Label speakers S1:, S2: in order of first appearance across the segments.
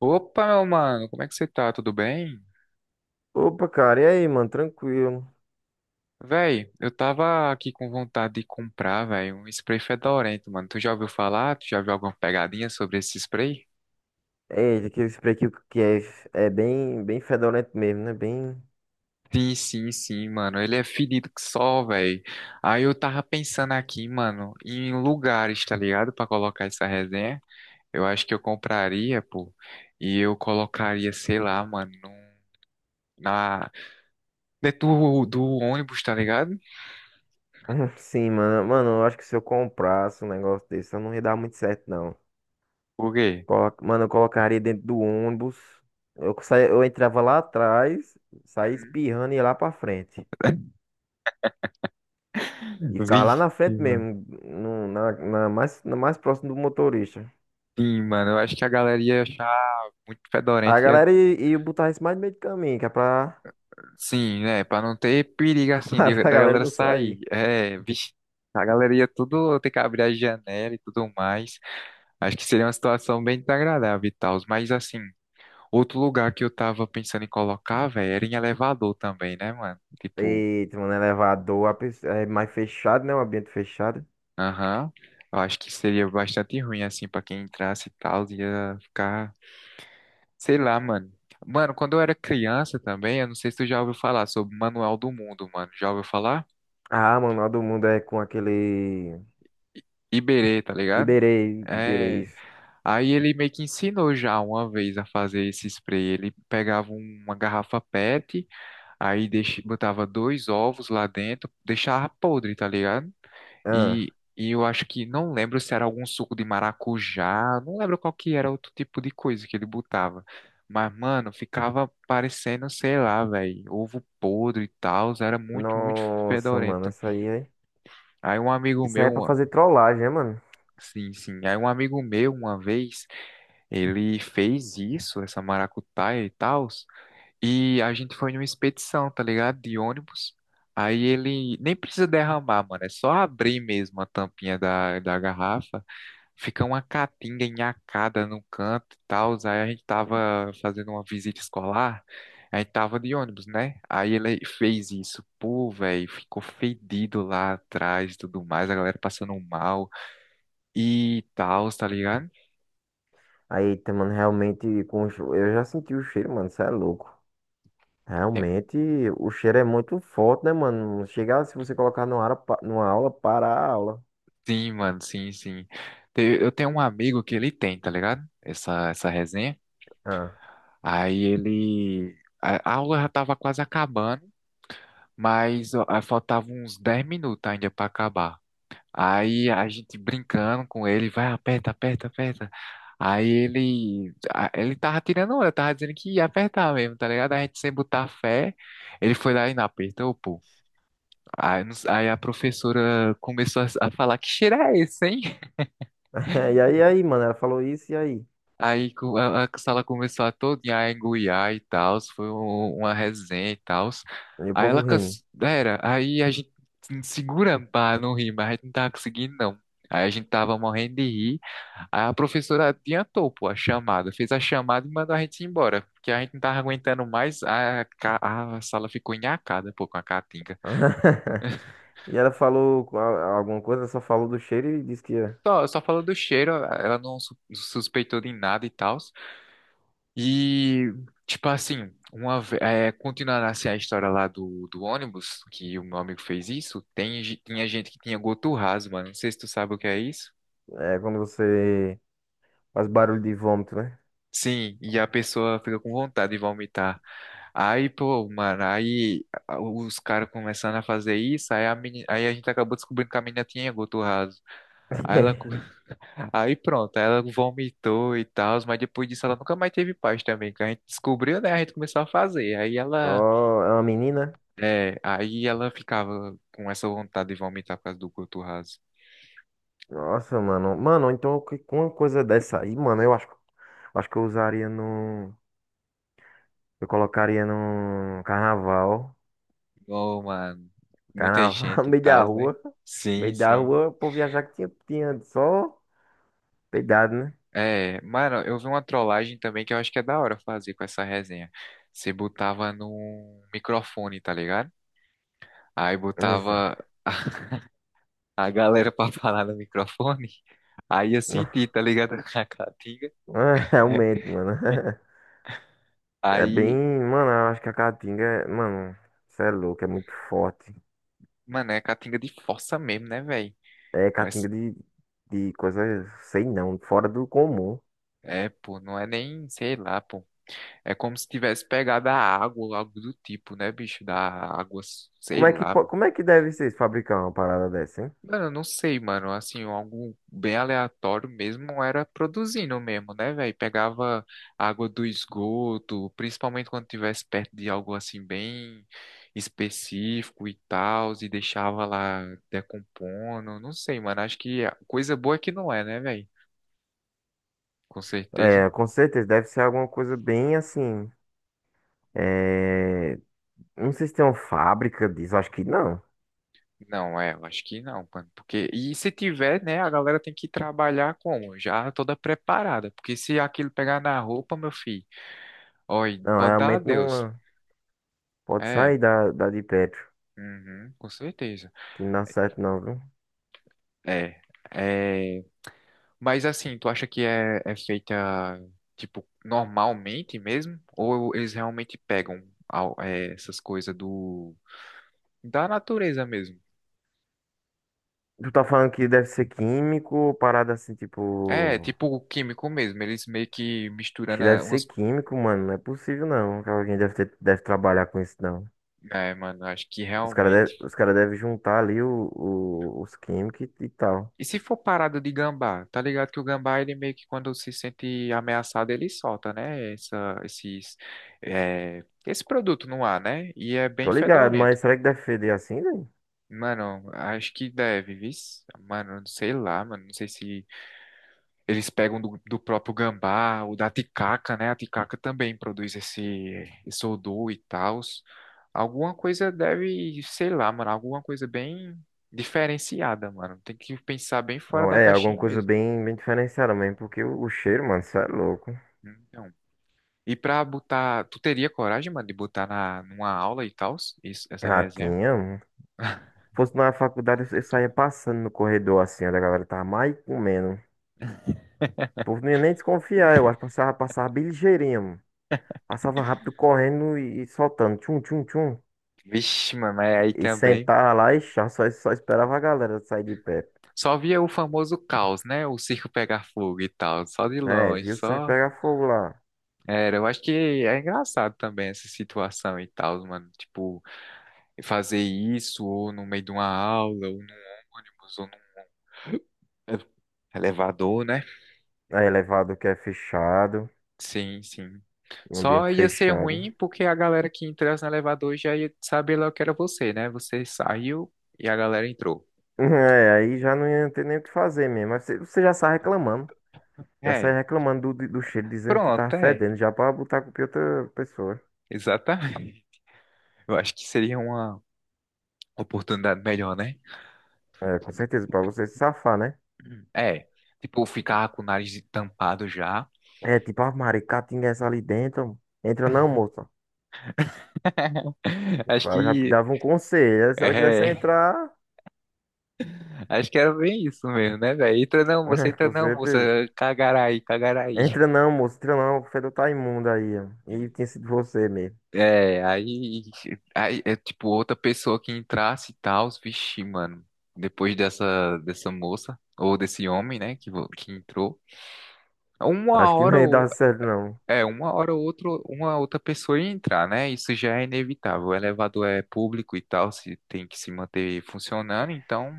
S1: Opa, meu mano, como é que você tá? Tudo bem?
S2: Opa, cara, e aí, mano? Tranquilo.
S1: Véi, eu tava aqui com vontade de comprar, véi, um spray fedorento, mano. Tu já ouviu falar? Tu já viu alguma pegadinha sobre esse spray?
S2: É, aquele spray bem fedorento mesmo, né? Bem.
S1: Sim, sim, sim, mano. Ele é fedido que só, véi. Aí eu tava pensando aqui, mano, em lugares, tá ligado? Pra colocar essa resenha. Eu acho que eu compraria, pô. E eu colocaria, sei lá, mano, na... dentro do ônibus, tá ligado?
S2: Sim, mano. Mano, eu acho que se eu comprasse um negócio desse, eu não ia dar muito certo, não.
S1: Por quê?
S2: Mano, eu colocaria dentro do ônibus. Eu saía, eu entrava lá atrás, saía espirrando e ia lá pra frente. E ficava lá
S1: Vixe,
S2: na frente
S1: mano.
S2: mesmo, no, na, na mais próximo do motorista.
S1: Sim, mano, eu acho que a galera ia achar muito
S2: A
S1: fedorento, ia,
S2: galera ia botar isso mais no meio do caminho, que é pra,
S1: sim, né, pra não ter perigo, assim,
S2: pra
S1: da
S2: galera
S1: galera
S2: não
S1: sair,
S2: sair.
S1: é, vixe, a galera ia tudo ter que abrir a janela e tudo mais, acho que seria uma situação bem desagradável e tal, mas, assim, outro lugar que eu tava pensando em colocar, velho, era em elevador também, né, mano, tipo,
S2: Eita, mano, elevador, é mais fechado, né? Um ambiente fechado.
S1: aham, eu acho que seria bastante ruim, assim, pra quem entrasse e tal, ia ficar. Sei lá, mano. Mano, quando eu era criança também, eu não sei se tu já ouviu falar sobre o Manual do Mundo, mano. Já ouviu falar?
S2: Ah, mano, lá do mundo é com aquele.
S1: Iberê, tá ligado?
S2: Iberê,
S1: É.
S2: isso.
S1: Aí ele meio que ensinou já uma vez a fazer esse spray. Ele pegava uma garrafa PET, aí botava dois ovos lá dentro, deixava podre, tá ligado?
S2: Ah,
S1: E eu acho que não lembro se era algum suco de maracujá, não lembro qual que era outro tipo de coisa que ele botava. Mas, mano, ficava parecendo, sei lá, velho, ovo podre e tal, era muito, muito
S2: nossa, mano,
S1: fedorento.
S2: isso aí é.
S1: Aí um amigo
S2: Isso aí é
S1: meu,
S2: pra
S1: uma-
S2: fazer trollagem, né, mano?
S1: Sim, sim, aí um amigo meu, uma vez, ele fez isso, essa maracutaia e tal, e a gente foi numa expedição, tá ligado? De ônibus. Aí ele nem precisa derramar, mano, é só abrir mesmo a tampinha da garrafa. Fica uma caatinga enhacada no canto e tal. Aí a gente tava fazendo uma visita escolar, a gente tava de ônibus, né? Aí ele fez isso. Pô, velho, ficou fedido lá atrás e tudo mais, a galera passando mal e tal, tá ligado?
S2: Aí, eita, mano, realmente, eu já senti o cheiro, mano, isso é louco.
S1: Tem-
S2: Realmente, o cheiro é muito forte, né, mano? Chegar, se você colocar numa aula, para a aula.
S1: Sim, mano, sim, sim. Eu tenho um amigo que ele tem, tá ligado? Essa resenha.
S2: Ah,
S1: Aí ele. A aula já tava quase acabando, mas ó, faltava uns 10 minutos ainda pra acabar. Aí a gente brincando com ele, vai, aperta, aperta, aperta. Aí ele tava tirando onda, tava dizendo que ia apertar mesmo, tá ligado? A gente sem botar fé, ele foi lá e não apertou, pô. Aí, não s- aí a professora começou a falar, que cheiro é esse, hein?
S2: e aí, mano, ela falou isso, e aí?
S1: A sala começou a todinha a engoiar e tal, foi uma resenha e tal.
S2: E o
S1: Aí
S2: povo
S1: ela,
S2: rindo.
S1: canse- era, aí a gente se segura pra não rir, mas a gente não tava conseguindo, não. Aí a gente tava morrendo de rir. Aí a professora adiantou, pô, a chamada, fez a chamada e mandou a gente ir embora, porque a gente não tava aguentando mais, a sala ficou enacada, pô, com a caatinga.
S2: E ela falou alguma coisa, só falou do cheiro e disse que é
S1: Só falou do cheiro, ela não suspeitou de nada e tal. E, tipo assim, continuando assim a história lá do ônibus, que o meu amigo fez isso, tinha gente que tinha goturrazo, mano, não sei se tu sabe o que é isso.
S2: é quando você faz barulho de vômito, né?
S1: Sim, e a pessoa fica com vontade de vomitar. Aí, pô, mano, os caras começando a fazer isso, aí a gente acabou descobrindo que a menina tinha goto raso. Aí, ela, aí pronto, aí ela vomitou e tal, mas depois disso ela nunca mais teve paz também, que a gente descobriu, né? A gente começou a fazer. Aí ela,
S2: Ó, é uma menina?
S1: é, aí ela ficava com essa vontade de vomitar por causa do goto raso.
S2: Nossa, mano. Mano, então com uma coisa dessa aí, mano, acho que eu usaria no. Eu colocaria no carnaval.
S1: Ô, mano, muita
S2: Carnaval no
S1: gente e
S2: meio da
S1: tal, né?
S2: rua. No
S1: Sim,
S2: meio da
S1: sim.
S2: rua, o povo ia achar que tinha só peidado, né?
S1: É, mano, eu vi uma trollagem também que eu acho que é da hora fazer com essa resenha. Você botava num microfone, tá ligado? Aí
S2: Isso.
S1: botava a galera pra falar no microfone. Aí eu senti, tá ligado? A caatinga.
S2: Realmente, mano. É bem.
S1: Aí,
S2: Mano, eu acho que a caatinga é. Mano, você é louco, é muito forte.
S1: mano, é caatinga de força mesmo, né, velho?
S2: É
S1: Mas
S2: caatinga de coisa, sei não, fora do comum.
S1: é, pô, não é nem, sei lá, pô. É como se tivesse pegado a água, ou algo do tipo, né, bicho? Da água, sei
S2: Como é que,
S1: lá.
S2: como é que deve ser fabricar uma parada dessa, hein?
S1: Mano, eu não sei, mano. Assim, algo bem aleatório mesmo era produzindo mesmo, né, velho? Pegava água do esgoto, principalmente quando tivesse perto de algo assim bem específico e tal, e deixava lá decompondo. Não sei, mano. Acho que a coisa boa é que não é, né, velho? Com certeza.
S2: É, com certeza, deve ser alguma coisa bem assim. É, não sei se tem uma fábrica disso, acho que não.
S1: Não é, eu acho que não, mano. Porque e se tiver, né, a galera tem que trabalhar como? Já toda preparada, porque se aquilo pegar na roupa, meu filho, olha,
S2: Não,
S1: pode dar
S2: realmente
S1: adeus.
S2: não. Pode
S1: É.
S2: sair da de Petro,
S1: Uhum, com certeza.
S2: que não dá certo não, viu?
S1: É, é, mas assim, tu acha que é feita tipo normalmente mesmo? Ou eles realmente pegam essas coisas do da natureza mesmo?
S2: Tu tá falando que deve ser químico, parada assim,
S1: É,
S2: tipo.
S1: tipo o químico mesmo, eles meio que
S2: Acho que
S1: misturando
S2: deve ser
S1: umas coisas.
S2: químico, mano. Não é possível, não. Que alguém deve ter, deve trabalhar com isso, não.
S1: É, mano, acho que realmente.
S2: Os cara devem juntar ali os químicos e tal.
S1: E se for parada de gambá, tá ligado que o gambá, ele meio que quando se sente ameaçado, ele solta, né? Esse produto no ar, né? E é bem
S2: Tô ligado,
S1: fedorento.
S2: mas será que deve feder assim, velho?
S1: Mano, acho que deve, vis. Mano, sei lá, mano. Não sei se eles pegam do próprio gambá ou da ticaca, né? A ticaca também produz esse odor e tal. Alguma coisa deve, sei lá, mano. Alguma coisa bem diferenciada, mano. Tem que pensar bem fora
S2: Não,
S1: da
S2: é, alguma
S1: caixinha
S2: coisa
S1: mesmo.
S2: bem, bem diferenciada mesmo, porque o cheiro, mano, isso é louco.
S1: Então, e pra botar, tu teria coragem, mano, de botar numa aula e tal, essa resenha?
S2: Ratinha, mano. Se fosse na faculdade, eu saía passando no corredor assim, onde a galera tava mais comendo. O povo não ia nem desconfiar, eu acho. Passava, passava bem ligeirinho, mano. Passava rápido correndo e soltando. Tchum, tchum, tchum.
S1: Vixe, mano, mas aí
S2: E
S1: também.
S2: sentar lá e chá, só esperava a galera sair de pé.
S1: Só via o famoso caos, né? O circo pegar fogo e tal, só de
S2: É,
S1: longe,
S2: viu? Você
S1: só.
S2: pega fogo lá.
S1: Era, eu acho que é engraçado também essa situação e tal, mano. Tipo, fazer isso ou no meio de uma aula, ou num ônibus, ou num elevador, né?
S2: É elevado que é fechado,
S1: Sim, sim.
S2: um
S1: Só
S2: ambiente
S1: ia ser
S2: fechado.
S1: ruim porque a galera que entrasse no elevador já ia saber logo que era você, né? Você saiu e a galera entrou.
S2: É, aí já não ia ter nem o que fazer mesmo. Mas você já sai reclamando. Já sai
S1: É,
S2: reclamando do cheiro, dizendo que tá
S1: pronto, é,
S2: fedendo, já pra botar a culpa em outra pessoa.
S1: exatamente. Eu acho que seria uma oportunidade melhor, né?
S2: É, com certeza, pra você se safar, né?
S1: É, tipo, ficar com o nariz tampado já.
S2: É, tipo, a maricatinga essa ali dentro. Entra não, moça.
S1: Acho
S2: Fala, já
S1: que
S2: dava um conselho, né? Se ela
S1: é,
S2: quisesse entrar,
S1: acho que era bem isso mesmo, né, velho? Entra não, você
S2: é,
S1: entra
S2: com
S1: não, moça,
S2: certeza.
S1: cagarai, cagarai.
S2: Entra não, moço, entra não. O fedor tá imundo aí, ó. E tinha sido você mesmo.
S1: É, aí é tipo outra pessoa que entrasse e tal, vixi, mano. Depois dessa moça ou desse homem, né, que entrou. Uma
S2: Acho que não
S1: hora
S2: ia
S1: ou
S2: dar certo, não.
S1: É, uma hora ou outra, uma outra pessoa ia entrar, né? Isso já é inevitável. O elevador é público e tal, se tem que se manter funcionando, então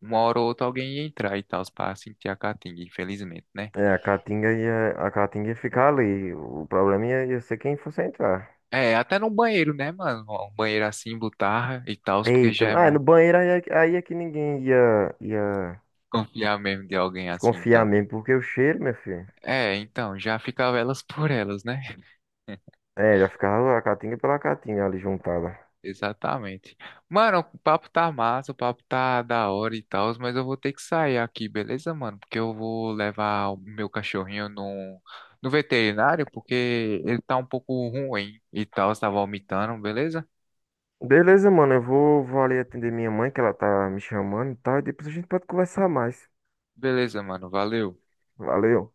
S1: uma hora ou outra alguém ia entrar e tal, para sentir a catinga, infelizmente, né?
S2: É, a caatinga ia ficar ali. O problema ia ser quem fosse entrar.
S1: É, até no banheiro, né, mano? Um banheiro assim, botarra e tal, porque
S2: Eita,
S1: já é
S2: ah,
S1: mais
S2: no banheiro aí, aí é que ninguém ia
S1: confiar mesmo de alguém assim,
S2: desconfiar
S1: então.
S2: mesmo, porque o cheiro, meu filho.
S1: É, então, já ficava elas por elas, né?
S2: É, já ficava a caatinga pela caatinga ali juntada.
S1: Exatamente. Mano, o papo tá massa, o papo tá da hora e tal, mas eu vou ter que sair aqui, beleza, mano? Porque eu vou levar o meu cachorrinho no veterinário, porque ele tá um pouco ruim e tal, tá vomitando, beleza?
S2: Beleza, mano, vou ali atender minha mãe, que ela tá me chamando e tal, e depois a gente pode conversar mais.
S1: Beleza, mano, valeu.
S2: Valeu.